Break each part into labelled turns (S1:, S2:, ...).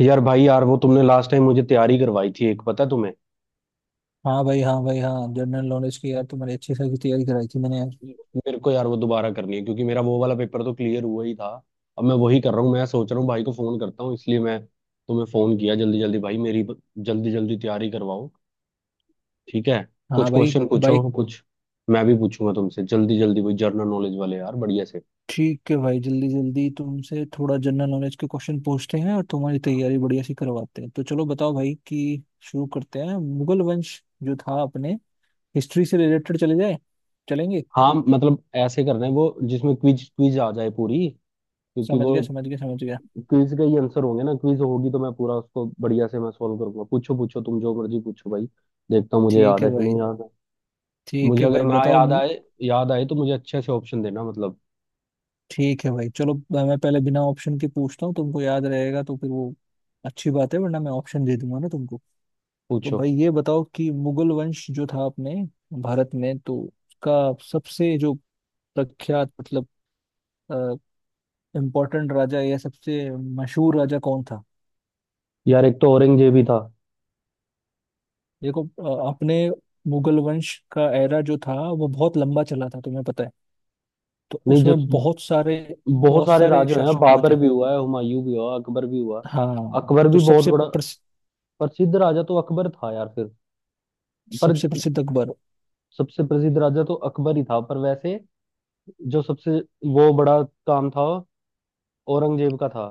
S1: यार भाई यार वो तुमने लास्ट टाइम मुझे तैयारी करवाई थी एक पता है तुम्हें।
S2: हाँ भाई, हाँ भाई, हाँ जनरल नॉलेज की यार तुम्हारी अच्छी खासी तैयारी कराई थी मैंने यार।
S1: मेरे को यार वो दोबारा करनी है क्योंकि मेरा वो वाला पेपर तो क्लियर हुआ ही था। अब मैं वही कर रहा हूँ। मैं सोच रहा हूँ भाई को फोन करता हूँ इसलिए मैं तुम्हें फोन किया। जल्दी जल्दी भाई मेरी जल्दी जल्दी तैयारी करवाओ। ठीक है
S2: हाँ
S1: कुछ
S2: भाई।
S1: क्वेश्चन
S2: भाई।
S1: पूछो। कुछ मैं भी पूछूंगा तुमसे। जल्दी जल्दी वही जर्नल नॉलेज वाले यार बढ़िया से।
S2: ठीक है भाई, जल्दी जल्दी तुमसे थोड़ा जनरल नॉलेज के क्वेश्चन पूछते हैं और तुम्हारी तैयारी बढ़िया सी करवाते हैं, तो चलो बताओ भाई कि शुरू करते हैं। मुगल वंश जो था अपने हिस्ट्री से रिलेटेड चले जाए, चलेंगे?
S1: हाँ मतलब ऐसे करना है वो जिसमें क्विज क्विज आ जाए पूरी। क्योंकि
S2: समझ
S1: वो
S2: गया, समझ गया, समझ गया।
S1: क्विज का ही आंसर होंगे ना। क्विज होगी तो मैं पूरा उसको बढ़िया से मैं सॉल्व करूंगा। पूछो पूछो तुम जो मर्जी पूछो भाई। देखता हूँ मुझे
S2: ठीक
S1: याद
S2: है
S1: है कि नहीं
S2: भाई।
S1: याद है।
S2: ठीक
S1: मुझे
S2: है
S1: अगर
S2: भाई,
S1: ना
S2: बताओ
S1: याद आए, याद आए तो मुझे अच्छे से ऑप्शन देना मतलब।
S2: ठीक है भाई, चलो मैं पहले बिना ऑप्शन के पूछता हूँ, तुमको याद रहेगा तो फिर वो अच्छी बात है, वरना मैं ऑप्शन दे दूंगा ना तुमको। तो
S1: पूछो।
S2: भाई ये बताओ कि मुगल वंश जो था अपने भारत में, तो उसका सबसे जो प्रख्यात मतलब इम्पोर्टेंट राजा या सबसे मशहूर राजा कौन था?
S1: यार एक तो औरंगजेब ही था।
S2: देखो, अपने मुगल वंश का एरा जो था वो बहुत लंबा चला था, तुम्हें पता है। तो
S1: नहीं, जो
S2: उसमें बहुत सारे
S1: बहुत
S2: बहुत
S1: सारे
S2: सारे
S1: राजा हैं,
S2: शासक हुए
S1: बाबर
S2: थे।
S1: भी हुआ है, हुमायूं भी हुआ, अकबर भी हुआ।
S2: हाँ,
S1: अकबर
S2: तो
S1: भी बहुत
S2: सबसे
S1: बड़ा प्रसिद्ध राजा तो अकबर था यार फिर। पर
S2: सबसे प्रसिद्ध अकबर।
S1: सबसे प्रसिद्ध राजा तो अकबर ही था, पर वैसे जो सबसे वो बड़ा काम था औरंगजेब का था।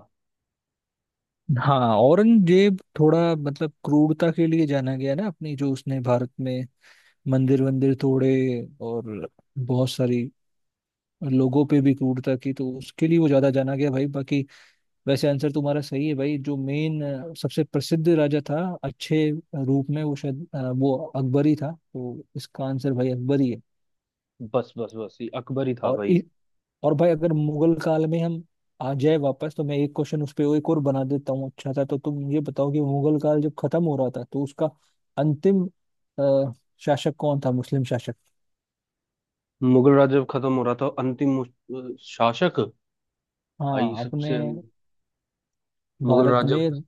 S2: हाँ, औरंगजेब थोड़ा मतलब क्रूरता के लिए जाना गया ना, अपनी जो उसने भारत में मंदिर वंदिर तोड़े और बहुत सारी लोगों पे भी क्रूरता की, तो उसके लिए वो ज्यादा जाना गया भाई। बाकी वैसे आंसर तुम्हारा सही है भाई, जो मेन सबसे प्रसिद्ध राजा था अच्छे रूप में, वो शायद वो अकबर ही था, तो इसका आंसर भाई अकबर ही है।
S1: बस बस बस ये अकबर ही था
S2: और
S1: भाई।
S2: इ, और भाई अगर मुगल काल में हम आ जाए वापस तो मैं एक क्वेश्चन उस पे एक और बना देता हूँ, अच्छा था तो तुम ये बताओ कि मुगल काल जब खत्म हो रहा था तो उसका अंतिम अ, शासक कौन था, मुस्लिम शासक?
S1: मुगल राज जब खत्म हो रहा था, अंतिम शासक। भाई
S2: हाँ अपने
S1: सबसे मुगल
S2: भारत
S1: राज, हाँ जब
S2: में।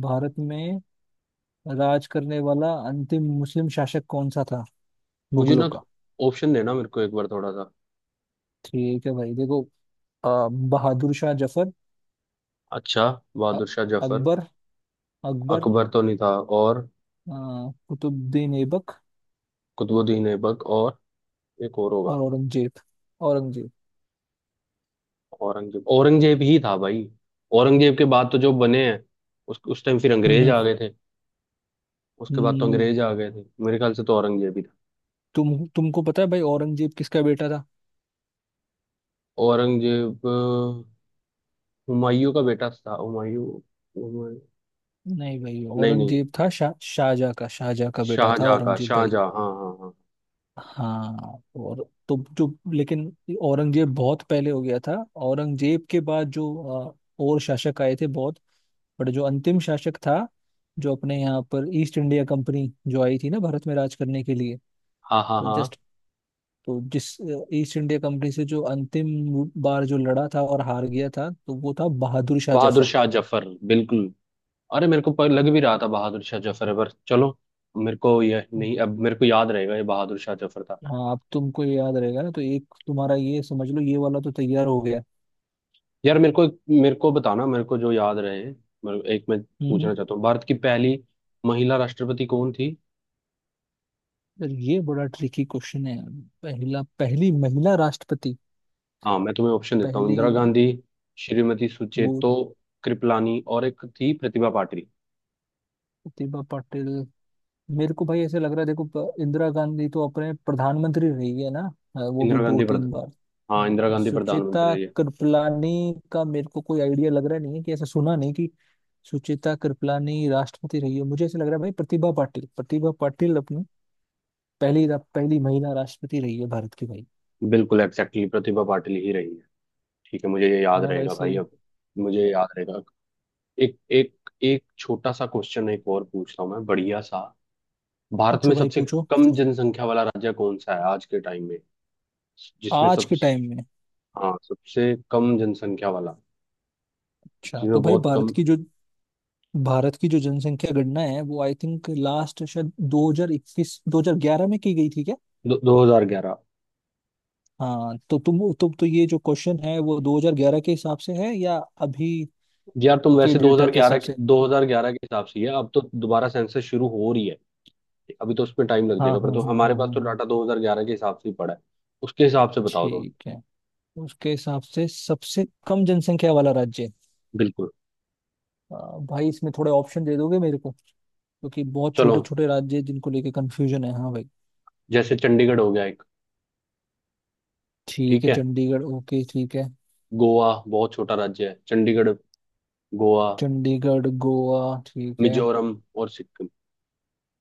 S2: भारत में राज करने वाला अंतिम मुस्लिम शासक कौन सा था,
S1: मुझे
S2: मुगलों
S1: ना
S2: का?
S1: ऑप्शन देना मेरे को एक बार थोड़ा सा।
S2: ठीक है भाई देखो, अ, बहादुर शाह जफर।
S1: अच्छा,
S2: अ-
S1: बहादुर शाह जफर।
S2: अकबर। अकबर।
S1: अकबर तो नहीं था। और
S2: अ, कुतुबुद्दीन ऐबक।
S1: कुतुबुद्दीन ऐबक। और एक और होगा।
S2: और औरंगजेब। औरंगजेब।
S1: औरंगजेब, औरंगजेब ही था भाई। औरंगजेब के बाद तो जो बने हैं उस टाइम फिर अंग्रेज
S2: हम्म।
S1: आ गए थे। उसके बाद तो
S2: हम्म,
S1: अंग्रेज आ गए थे मेरे ख्याल से, तो औरंगजेब ही था।
S2: तुमको पता है भाई औरंगजेब किसका बेटा था?
S1: औरंगजेब हुमायूं का बेटा था, हुमायूं।
S2: नहीं भाई,
S1: नहीं नहीं,
S2: औरंगजेब था शाहजहाँ का, शाहजहाँ का बेटा था
S1: शाहजहाँ का,
S2: औरंगजेब भाई।
S1: शाहजहाँ, हाँ हाँ।
S2: हाँ, और तो जो लेकिन औरंगजेब बहुत पहले हो गया था। औरंगजेब के बाद जो अ, और शासक आए थे बहुत, बट जो अंतिम शासक था, जो अपने यहाँ पर ईस्ट इंडिया कंपनी जो आई थी ना भारत में राज करने के लिए,
S1: हाँ हाँ
S2: तो
S1: हाँ हाँ।
S2: जस्ट तो जिस ईस्ट इंडिया कंपनी से जो अंतिम बार जो लड़ा था और हार गया था, तो वो था बहादुर शाह
S1: बहादुर
S2: जफर।
S1: शाह जफर, बिल्कुल। अरे मेरे को पर लग भी रहा था बहादुर शाह जफर है पर चलो। मेरे को यह नहीं, अब मेरे को याद रहेगा, ये बहादुर शाह जफर था।
S2: हाँ, अब तुमको ये याद रहेगा ना, तो एक तुम्हारा ये समझ लो, ये वाला तो तैयार हो गया।
S1: यार मेरे को, मेरे को बताना मेरे को जो याद रहे। एक मैं
S2: हम्म।
S1: पूछना चाहता हूँ, भारत की पहली महिला राष्ट्रपति कौन थी?
S2: यार ये बड़ा ट्रिकी क्वेश्चन है यार। पहला पहली महिला राष्ट्रपति।
S1: हाँ मैं तुम्हें ऑप्शन देता हूँ।
S2: पहली।
S1: इंदिरा गांधी, श्रीमती
S2: वो
S1: सुचेतो कृपलानी, और एक थी प्रतिभा पाटिल।
S2: प्रतिभा पाटिल। मेरे को भाई ऐसे लग रहा है, देखो, इंदिरा गांधी तो अपने प्रधानमंत्री रही है ना, हाँ, वो भी
S1: इंदिरा
S2: दो
S1: गांधी प्रधान,
S2: तीन बार।
S1: हाँ इंदिरा
S2: हाँ,
S1: गांधी प्रधानमंत्री
S2: सुचेता
S1: रही है।
S2: कृपलानी का मेरे को कोई आइडिया लग रहा नहीं है कि ऐसा सुना नहीं कि सुचेता कृपलानी राष्ट्रपति रही है। मुझे ऐसा लग रहा है भाई, प्रतिभा पाटिल, प्रतिभा पाटिल अपनी पहली महिला राष्ट्रपति रही है भारत की भाई।
S1: बिल्कुल एग्जैक्टली, प्रतिभा पाटिल ही रही है। ठीक है, मुझे ये
S2: है
S1: याद
S2: ना भाई,
S1: रहेगा भाई
S2: सही।
S1: अब। मुझे ये याद रहेगा। एक एक एक छोटा सा क्वेश्चन एक और पूछता हूँ मैं, बढ़िया सा। भारत में
S2: पूछो भाई
S1: सबसे
S2: पूछो।
S1: कम जनसंख्या वाला राज्य कौन सा है आज के टाइम में, जिसमें
S2: आज
S1: सब।
S2: के टाइम में।
S1: हाँ सबसे कम जनसंख्या वाला,
S2: अच्छा
S1: जिसमें
S2: तो भाई
S1: बहुत कम।
S2: भारत की जो जनसंख्या गणना है वो आई थिंक लास्ट शायद 2021 2011 में की गई थी क्या?
S1: दो हजार ग्यारह।
S2: हाँ, तो तुम तो ये जो क्वेश्चन है वो 2011 के हिसाब से है या अभी
S1: यार तुम
S2: के
S1: वैसे
S2: डेटा
S1: 2011
S2: के हिसाब
S1: के
S2: से?
S1: 2011 के हिसाब से ही है। अब तो दोबारा सेंसस शुरू हो रही है, अभी तो उसमें टाइम लग
S2: हाँ
S1: जाएगा, पर
S2: हाँ
S1: तो
S2: हाँ
S1: हमारे
S2: हाँ
S1: पास
S2: हाँ
S1: तो
S2: हाँ।
S1: डाटा 2011 के हिसाब से ही पड़ा है। उसके हिसाब से बताओ तुम।
S2: ठीक है, उसके हिसाब से सबसे कम जनसंख्या वाला राज्य।
S1: बिल्कुल।
S2: आ, भाई इसमें थोड़े ऑप्शन दे दोगे मेरे को? क्योंकि बहुत
S1: चलो,
S2: छोटे छोटे राज्य हैं जिनको लेके कंफ्यूजन है। हाँ भाई।
S1: जैसे चंडीगढ़ हो गया।
S2: ठीक
S1: ठीक
S2: है,
S1: है,
S2: चंडीगढ़, ओके, ठीक है।
S1: गोवा बहुत छोटा राज्य है। चंडीगढ़, गोवा,
S2: चंडीगढ़, गोवा, ठीक है।
S1: मिजोरम और सिक्किम।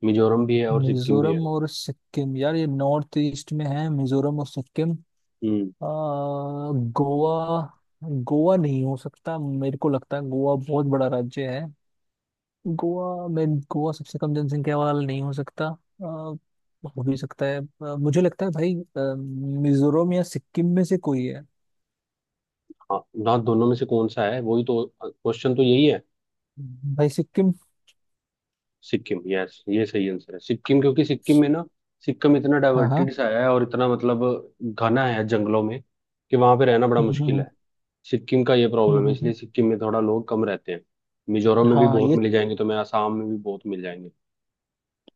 S1: मिजोरम भी है और सिक्किम भी है।
S2: मिजोरम और सिक्किम, यार ये नॉर्थ ईस्ट में है, मिजोरम और सिक्किम।
S1: हम्म।
S2: गोवा, गोवा नहीं हो सकता, मेरे को लगता है गोवा बहुत बड़ा राज्य है। गोवा सबसे कम जनसंख्या वाला नहीं हो सकता। हो भी सकता है, मुझे लगता है भाई मिजोरम या सिक्किम में से कोई है।
S1: हाँ ना, दोनों में से कौन सा है, वही तो क्वेश्चन, तो यही है।
S2: भाई सिक्किम।
S1: सिक्किम, यस ये सही आंसर है, सिक्किम। क्योंकि सिक्किम में ना, सिक्किम इतना
S2: हाँ हाँ।
S1: डाइवर्टेड सा है और इतना मतलब घना है जंगलों में कि वहां पे रहना बड़ा
S2: हम्म, हम्म,
S1: मुश्किल
S2: हम्म,
S1: है। सिक्किम का ये प्रॉब्लम है, इसलिए
S2: हम्म।
S1: सिक्किम में थोड़ा लोग कम रहते हैं। मिजोरम में भी
S2: हाँ
S1: बहुत
S2: ये
S1: मिल जाएंगे तुम्हें, आसाम में भी बहुत मिल जाएंगे।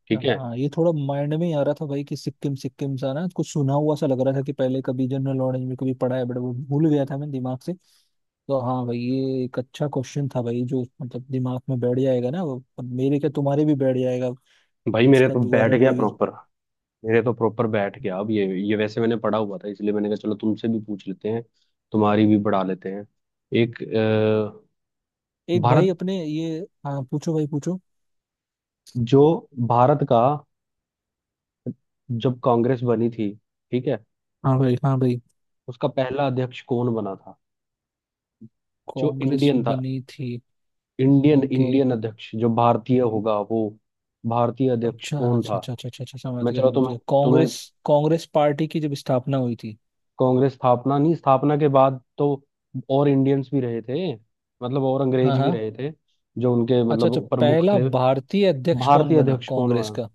S1: ठीक है
S2: हाँ ये थोड़ा माइंड में ही आ रहा था भाई कि सिक्किम, सिक्किम सा ना कुछ सुना हुआ सा लग रहा था कि पहले कभी जनरल नॉलेज में कभी पढ़ा है, बट वो भूल गया था मैं दिमाग से। तो हाँ भाई, ये एक अच्छा क्वेश्चन था भाई जो मतलब दिमाग में बैठ जाएगा ना वो, और मेरे क्या तुम्हारे भी बैठ जाएगा।
S1: भाई, मेरे
S2: उसका
S1: तो बैठ
S2: दोबारा
S1: गया
S2: रिवीज।
S1: प्रॉपर। मेरे तो प्रॉपर बैठ गया। अब ये वैसे मैंने पढ़ा हुआ था इसलिए मैंने कहा चलो तुमसे भी पूछ लेते हैं, तुम्हारी भी बढ़ा लेते हैं। एक
S2: एक भाई
S1: भारत,
S2: अपने ये। हाँ पूछो भाई पूछो।
S1: जो भारत का, जब कांग्रेस बनी थी, ठीक है,
S2: हाँ भाई हाँ भाई।
S1: उसका पहला अध्यक्ष कौन बना था जो
S2: कांग्रेस
S1: इंडियन था?
S2: बनी थी।
S1: Indian
S2: okay.
S1: इंडियन अध्यक्ष, जो भारतीय होगा वो भारतीय अध्यक्ष
S2: अच्छा
S1: कौन
S2: अच्छा
S1: था?
S2: अच्छा अच्छा अच्छा अच्छा, समझ
S1: मैं
S2: गया,
S1: चलो
S2: समझ
S1: तुम्हें
S2: गया,
S1: तुम्हें,
S2: कांग्रेस। कांग्रेस पार्टी की जब स्थापना हुई थी।
S1: कांग्रेस स्थापना नहीं, स्थापना के बाद तो और इंडियंस भी रहे थे, मतलब और
S2: हाँ
S1: अंग्रेज भी
S2: हाँ।
S1: रहे थे जो उनके
S2: अच्छा अच्छा,
S1: मतलब प्रमुख
S2: पहला
S1: थे।
S2: भारतीय अध्यक्ष कौन
S1: भारतीय
S2: बना
S1: अध्यक्ष कौन हुआ?
S2: कांग्रेस का?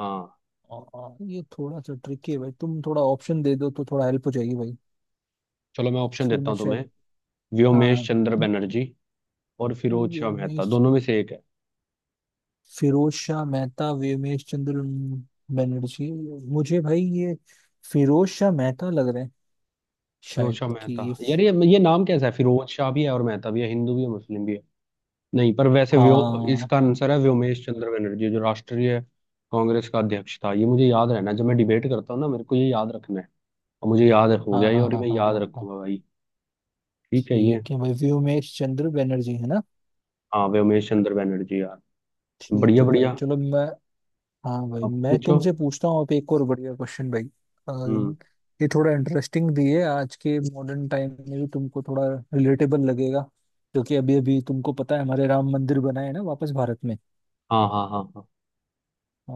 S1: हाँ
S2: और ये थोड़ा सा ट्रिकी है भाई, तुम थोड़ा ऑप्शन दे दो तो थोड़ा हेल्प हो जाएगी भाई।
S1: चलो मैं ऑप्शन
S2: फिर
S1: देता
S2: मैं
S1: हूँ तुम्हें।
S2: शायद।
S1: व्योमेश
S2: हाँ,
S1: चंद्र बनर्जी और फिरोज शाह मेहता,
S2: व्योमेश।
S1: दोनों में से एक है।
S2: फिरोज शाह मेहता, व्योमेश चंद्र बनर्जी। मुझे भाई ये फिरोज शाह मेहता लग रहे हैं
S1: फिरोज
S2: शायद,
S1: शाह
S2: कि
S1: मेहता,
S2: ये।
S1: यार ये नाम कैसा है, फिरोज शाह भी है और मेहता भी है, हिंदू भी है मुस्लिम भी है। नहीं, पर वैसे व्यो,
S2: हाँ
S1: इसका आंसर है व्योमेश चंद्र बनर्जी जो राष्ट्रीय कांग्रेस का अध्यक्ष था। ये मुझे याद रहना, जब मैं डिबेट करता हूँ ना, मेरे को ये याद रखना है, और मुझे याद हो
S2: हाँ
S1: गया ये,
S2: हाँ
S1: और
S2: हाँ
S1: मैं
S2: हाँ
S1: याद
S2: हाँ हाँ।
S1: रखूंगा भाई। ठीक है ये।
S2: ठीक है भाई, व्योमेश चंद्र बनर्जी है ना?
S1: हाँ व्योमेश चंद्र बैनर्जी यार,
S2: ठीक
S1: बढ़िया
S2: है भाई,
S1: बढ़िया।
S2: चलो मैं। हाँ भाई,
S1: अब
S2: मैं
S1: पूछो।
S2: तुमसे पूछता हूँ अब एक और बढ़िया क्वेश्चन भाई। अ,
S1: हम्म।
S2: ये थोड़ा इंटरेस्टिंग भी है, आज के मॉडर्न टाइम में भी तुमको थोड़ा रिलेटेबल लगेगा, क्योंकि अभी अभी तुमको पता है हमारे राम मंदिर बना है ना वापस भारत में,
S1: हाँ हाँ हाँ हाँ।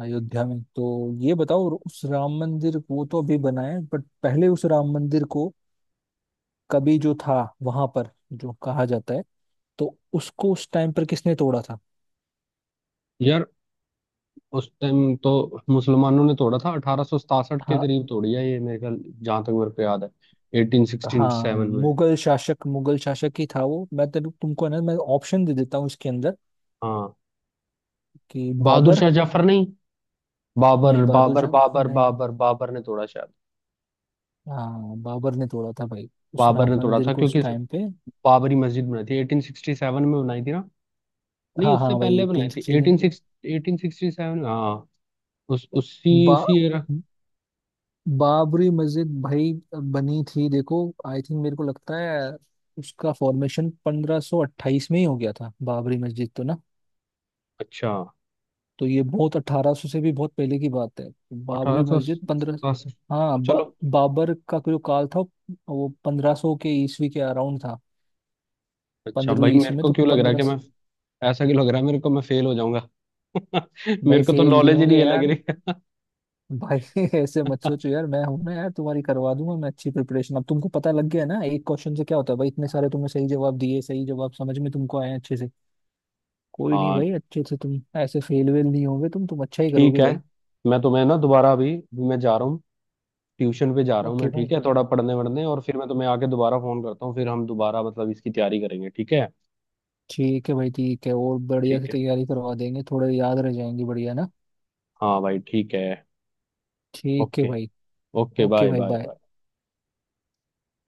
S2: अयोध्या में। तो ये बताओ उस राम मंदिर, वो तो अभी बना है, बट पहले उस राम मंदिर को कभी जो था, वहां पर जो कहा जाता है, तो उसको उस टाइम पर किसने तोड़ा था?
S1: यार उस टाइम तो मुसलमानों ने तोड़ा था, 1867 के
S2: हाँ
S1: करीब तोड़ी है ये मेरे ख्याल, जहाँ तक मेरे को याद है, एटीन सिक्सटी
S2: हाँ।
S1: सेवन में।
S2: मुगल शासक, मुगल शासक ही था वो, मैं तेरे तुमको है ना, मैं ऑप्शन दे देता हूँ इसके अंदर,
S1: हाँ।
S2: कि
S1: बहादुर
S2: बाबर,
S1: शाह जफर नहीं, बाबर
S2: नहीं बहादुर
S1: बाबर
S2: जंग,
S1: बाबर
S2: नहीं,
S1: बाबर बाबर ने तोड़ा शायद।
S2: हाँ बाबर ने तोड़ा था भाई उस
S1: बाबर
S2: राम
S1: ने तोड़ा
S2: मंदिर
S1: था
S2: को उस
S1: क्योंकि
S2: टाइम पे।
S1: बाबरी मस्जिद बनाई थी 1867 में बनाई थी ना। नहीं,
S2: हाँ
S1: उससे
S2: हाँ
S1: पहले
S2: भाई,
S1: बनाई
S2: तीन
S1: थी, एटीन
S2: सिक्सटीन।
S1: सिक्स, 1867, हाँ उस उसी
S2: बा
S1: उसी एरा।
S2: बाबरी मस्जिद भाई बनी थी देखो, आई थिंक मेरे को लगता है उसका फॉर्मेशन 1528 में ही हो गया था बाबरी मस्जिद तो ना,
S1: अच्छा,
S2: तो ये बहुत 1800 से भी बहुत पहले की बात है।
S1: अठारह
S2: बाबरी
S1: सौ
S2: मस्जिद 15
S1: सतासी
S2: हाँ,
S1: चलो।
S2: बाबर का जो काल था वो 1500 के ईस्वी के अराउंड था।
S1: अच्छा भाई,
S2: पंद्रहवीं
S1: मेरे
S2: ईस्वी में
S1: को
S2: तो
S1: क्यों लग रहा है
S2: पंद्रह।
S1: कि मैं, ऐसा क्यों लग रहा है मेरे को, मैं फेल हो जाऊंगा।
S2: भाई
S1: मेरे को तो
S2: फेल नहीं
S1: नॉलेज ही नहीं
S2: होगे
S1: है लग
S2: यार।
S1: रही है।
S2: भाई ऐसे मत सोचो यार, मैं हूं ना यार, तुम्हारी करवा दूंगा मैं अच्छी प्रिपरेशन। अब तुमको पता लग गया ना एक क्वेश्चन से क्या होता है भाई, इतने सारे तुमने सही जवाब दिए, सही जवाब समझ में तुमको आए अच्छे से। कोई नहीं
S1: हाँ
S2: भाई, अच्छे से, तुम ऐसे फेल वेल नहीं होगे, तुम अच्छा ही
S1: ठीक
S2: करोगे
S1: है।
S2: भाई।
S1: मैं तुम्हें ना दोबारा, अभी अभी मैं जा रहा हूँ, ट्यूशन पे जा रहा हूँ
S2: ओके
S1: मैं,
S2: भाई।
S1: ठीक है, थोड़ा पढ़ने वढ़ने, और फिर मैं तुम्हें आके दोबारा फोन करता हूँ, फिर हम दोबारा मतलब इसकी तैयारी करेंगे। ठीक है।
S2: ठीक है भाई, ठीक है, और बढ़िया से
S1: ठीक है,
S2: तैयारी करवा देंगे, थोड़े याद रह जाएंगे बढ़िया ना।
S1: हाँ भाई ठीक है।
S2: ठीक है
S1: ओके।
S2: भाई।
S1: ओके
S2: ओके
S1: बाय
S2: भाई,
S1: बाय।
S2: बाय।